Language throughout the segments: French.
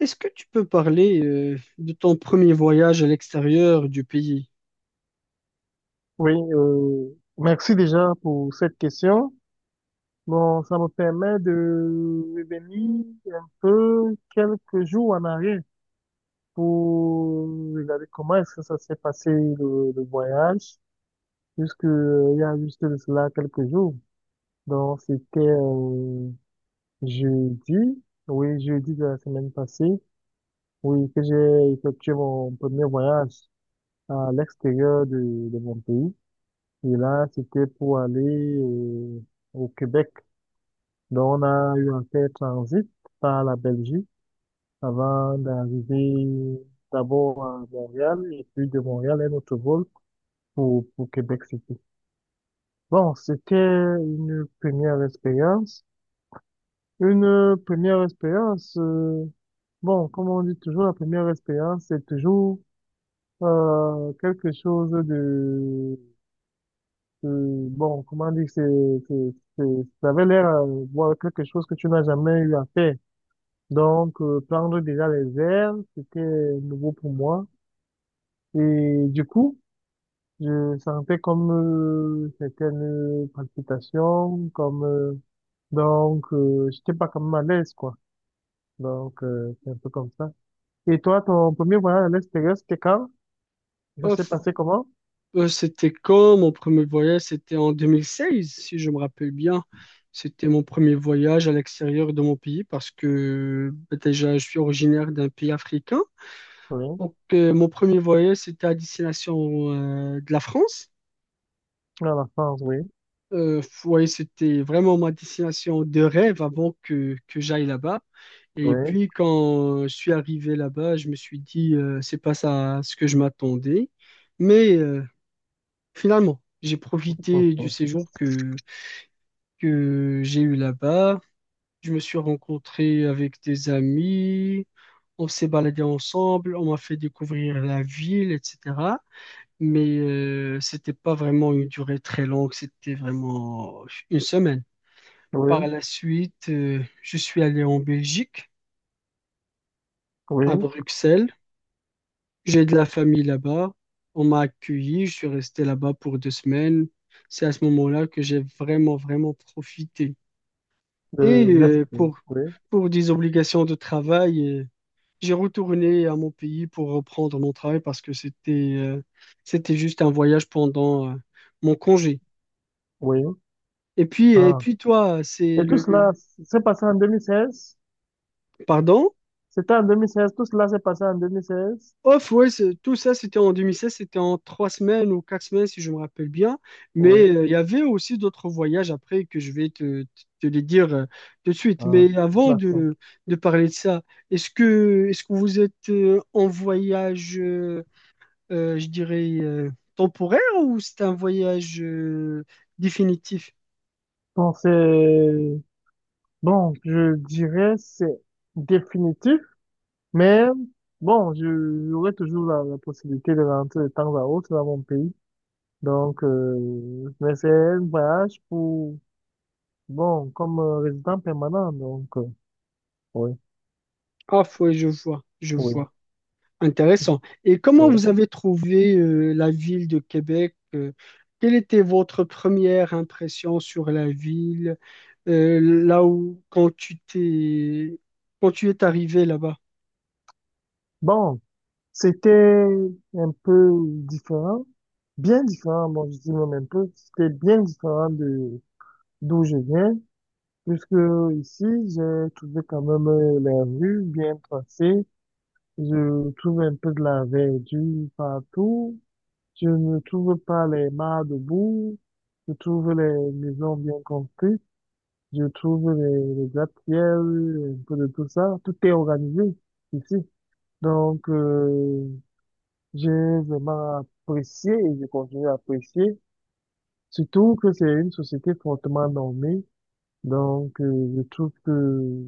Est-ce que tu peux parler de ton premier voyage à l'extérieur du pays? Oui, merci déjà pour cette question. Bon, ça me permet de revenir un peu quelques jours en arrière pour regarder comment est-ce que ça s'est passé le voyage, puisque il y a juste de cela quelques jours. Donc, c'était jeudi, oui, jeudi de la semaine passée, oui, que j'ai effectué mon premier voyage à l'extérieur de mon pays. Et là, c'était pour aller au Québec. Donc, on a eu un fait transit par la Belgique avant d'arriver d'abord à Montréal et puis de Montréal, un autre vol pour Québec City. Bon, c'était une première expérience. Une première expérience, bon, comme on dit toujours, la première expérience, c'est toujours quelque chose de, bon, comment dire, c'est, c'est- ça avait l'air voilà, quelque chose que tu n'as jamais eu à faire. Donc, prendre déjà les airs, c'était nouveau pour moi. Et du coup, je sentais comme certaines palpitations, comme j'étais pas comme à l'aise, quoi. Donc, c'est un peu comme ça. Et toi, ton premier voyage à l'extérieur, c'était quand? Ça Oh, s'est f- passé comment? C'était quand mon premier voyage? C'était en 2016, si je me rappelle bien. C'était mon premier voyage à l'extérieur de mon pays parce que bah, déjà, je suis originaire d'un pays africain. Oui, Donc, mon premier voyage, c'était à destination de la France. à la France, oui, Ouais, c'était vraiment ma destination de rêve avant que j'aille là-bas. Et oui, puis quand je suis arrivé là-bas, je me suis dit, c'est pas ça ce que je m'attendais. Mais finalement, j'ai profité du séjour que j'ai eu là-bas. Je me suis rencontré avec des amis, on s'est baladé ensemble, on m'a fait découvrir la ville, etc. Mais c'était pas vraiment une durée très longue, c'était vraiment une semaine. Par oui, la suite, je suis allé en Belgique, à oui, Bruxelles. J'ai de la famille là-bas. On m'a accueilli. Je suis resté là-bas pour deux semaines. C'est à ce moment-là que j'ai vraiment, vraiment profité. de Et l'Est, oui. Oui. pour des obligations de travail, j'ai retourné à mon pays pour reprendre mon travail parce que c'était c'était juste un voyage pendant mon congé. Oui. Et puis, et Ah. puis toi, c'est Et tout cela le- s'est passé en 2016? Pardon? C'était en deux mille seize, tout cela s'est passé en deux mille seize. Off, ouais, c'est- tout ça, c'était en 2016, c'était en trois semaines ou quatre semaines, si je me rappelle bien. Mais Oui. Il y avait aussi d'autres voyages après que je vais te les dire tout de suite. Ah, Mais avant d'accord. De parler de ça, est-ce que vous êtes en voyage, je dirais, temporaire ou c'est un voyage définitif? Bon, c'est, bon, je dirais c'est définitif, mais bon, je- j'aurai toujours la possibilité de rentrer de temps à autre dans mon pays. Donc, mais c'est un voyage pour, bon, comme résident permanent, donc, oui, Off, ouais, je vois, je oui, vois. Intéressant. Et comment oui. vous avez trouvé la ville de Québec? Quelle était votre première impression sur la ville, là où quand tu es arrivé là-bas? Bon. C'était un peu différent, bien différent, bon, je dis même un peu, c'était bien différent de d'où je viens, puisque ici, j'ai trouvé quand même les rues bien tracées, je trouve un peu de la verdure partout, je ne trouve pas les mares debout, je trouve les maisons bien construites, je trouve les gratte-ciels, un peu de tout ça, tout est organisé ici. Donc, j'ai vraiment apprécié et je continue à apprécier, surtout que c'est une société fortement normée. Donc, je trouve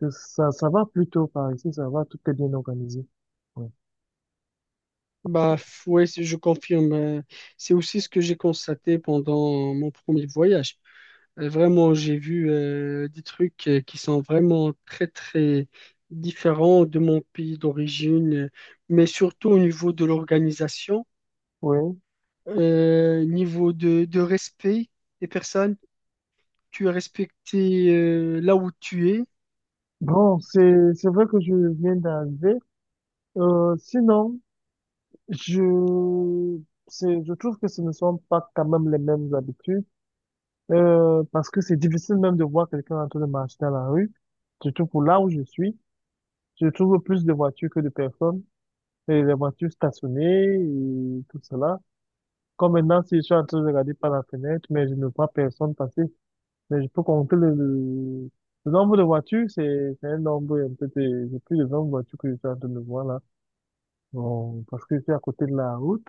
que ça va plutôt par ici, ça va, tout est bien organisé. Ouais. Bah ouais, c'est- je confirme. C'est aussi ce que j'ai constaté pendant mon premier voyage. Vraiment, j'ai vu des trucs qui sont vraiment très très différents de mon pays d'origine, mais surtout au niveau de l'organisation. Oui. Niveau de respect des personnes, tu es respecté là où tu es, Bon, c'est vrai que je viens d'arriver. Sinon, je, c'est, je trouve que ce ne sont pas quand même les mêmes habitudes, parce que c'est difficile même de voir quelqu'un en train de marcher dans la rue. Surtout pour là où je suis, je trouve plus de voitures que de personnes, et les voitures stationnées et tout cela. Comme maintenant, si je suis en train de regarder par la fenêtre, mais je ne vois personne passer, mais je peux compter le nombre de voitures, c'est un nombre un peu de, j'ai plus de 20 voitures que je suis en train de voir là. Bon, parce que je suis à côté de la route.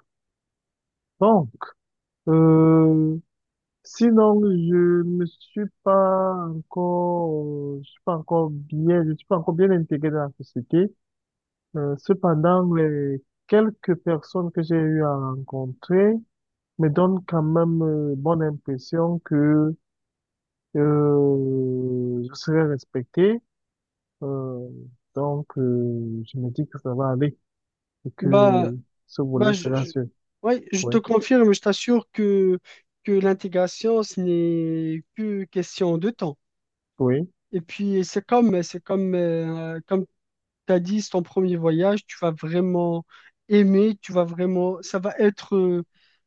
Bon, euh, sinon, je me suis pas encore, je suis pas encore bien, je suis pas encore bien intégré dans la société. Cependant, les quelques personnes que j'ai eu à rencontrer me donne quand même bonne impression que je serai respecté. Euh, je me dis que ça va aller et que bah, ce bah volet je, sera je- sûr. ouais, je Oui, te confirme, je t'assure que l'intégration, ce n'est que question de temps. oui, Et puis, comme t'as dit, c'est ton premier voyage, tu vas vraiment aimer,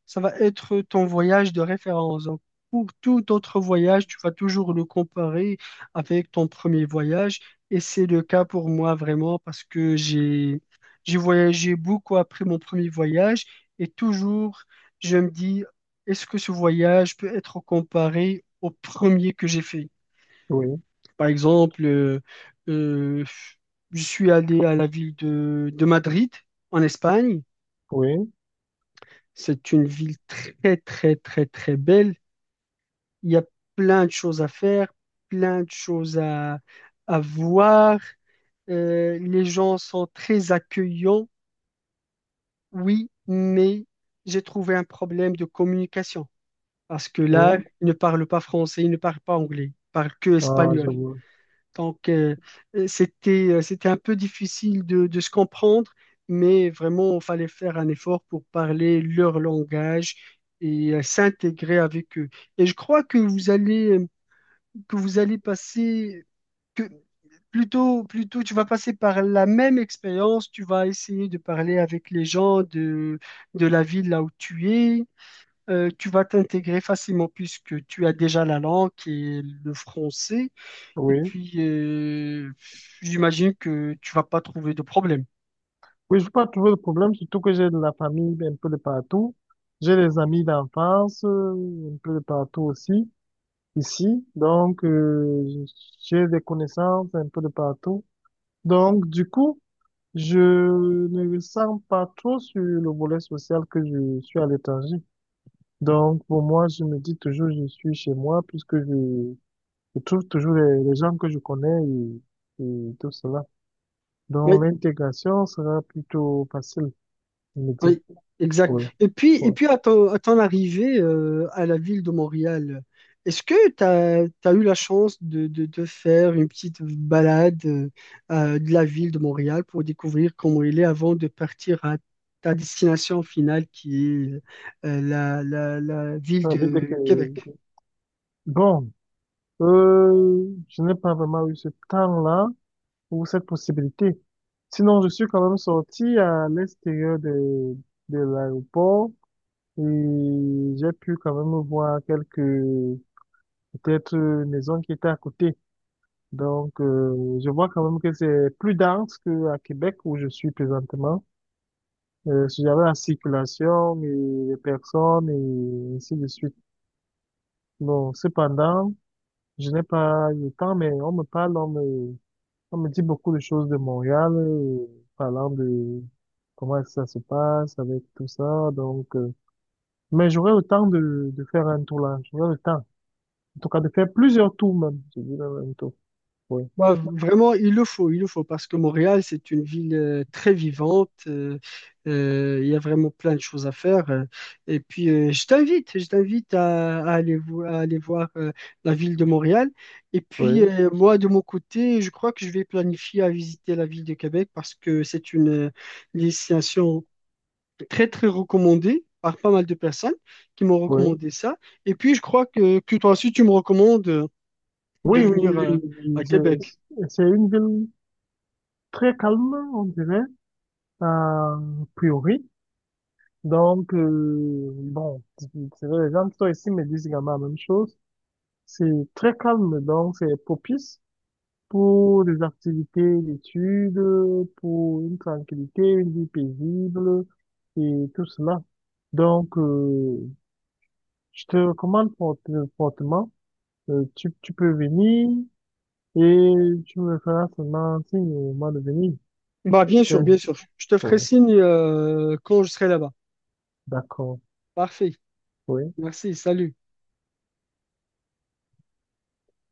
ça va être ton voyage de référence. Donc, pour tout autre voyage, tu vas toujours le comparer avec ton premier voyage. Et c'est le cas pour moi vraiment parce que j'ai voyagé beaucoup après mon premier voyage et toujours, je me dis, est-ce que ce voyage peut être comparé au premier que j'ai fait? oui, Par exemple, euh, je suis allé à la ville de Madrid, en Espagne. oui, C'est une ville très, très, très, très belle. Il y a plein de choses à faire, plein de choses à voir. Les gens sont très accueillants, oui, mais j'ai trouvé un problème de communication parce que là, oui. ils ne parlent pas français, ils ne parlent pas anglais, ils parlent que Ah, je espagnol. vois. Donc, c'était, c'était un peu difficile de se comprendre, mais vraiment, il fallait faire un effort pour parler leur langage et s'intégrer avec eux. Et je crois que vous allez passer, que plutôt, tu vas passer par la même expérience, tu vas essayer de parler avec les gens de la ville là où tu es. Tu vas t'intégrer facilement puisque tu as déjà la langue qui est le français. Et Oui. puis, j'imagine que tu vas pas trouver de problème. Oui, je veux pas trouver de problème, surtout que j'ai de la famille un peu de partout. J'ai des amis d'enfance un peu de partout aussi, ici. Donc, j'ai des connaissances un peu de partout. Donc, du coup, je ne ressens pas trop sur le volet social que je suis à l'étranger. Donc, pour moi, je me dis toujours, je suis chez moi puisque je trouve toujours les gens que je connais et tout cela. Oui, Donc, l'intégration sera plutôt facile, je me dis. oui, exact. Oui, Et puis, et oui. puis à à ton arrivée à la ville de Montréal, est-ce que tu as, eu la chance de faire une petite balade de la ville de Montréal pour découvrir comment il est avant de partir à ta destination finale qui est la ville Ça veut dire de que, Québec? bon, je n'ai pas vraiment eu ce temps-là ou cette possibilité. Sinon, je suis quand même sorti à l'extérieur de l'aéroport. Et j'ai pu quand même voir quelques, peut-être, maisons qui étaient à côté. Donc, je vois quand même que c'est plus dense qu'à Québec où je suis présentement. Si j'avais la circulation et les personnes et ainsi de suite. Bon, cependant, je n'ai pas eu le temps, mais on me parle, on me dit beaucoup de choses de Montréal, parlant de comment ça se passe avec tout ça. Donc, mais j'aurais le temps de faire un tour là. J'aurais le temps. En tout cas, de faire plusieurs tours même. Je dis le même tour. Oui. Bah, vraiment, il le faut, parce que Montréal, c'est une ville très vivante. Il y a vraiment plein de choses à faire. Et puis, je t'invite à aller, à aller voir la ville de Montréal. Et puis, Oui, moi, de mon côté, je crois que je vais planifier à visiter la ville de Québec parce que c'est une destination très, très recommandée par pas mal de personnes qui m'ont oui. recommandé ça. Et puis, je crois que toi aussi, tu me recommandes de Oui, oui, venir oui, oui. à Québec. C'est une ville très calme, on dirait, a priori. Donc, bon, c'est vrai, les gens qui sont ici me disent également la même chose. C'est très calme, donc c'est propice pour des activités d'études, pour une tranquillité, une vie paisible et tout cela. Donc, je te recommande fort- fortement, tu, tu peux venir et tu me feras seulement signe au moment de venir. Bah, bien sûr, Euh, bien sûr. Je te ferai Oui, signe quand je serai là-bas. d'accord. Parfait. Oui. Merci. Salut.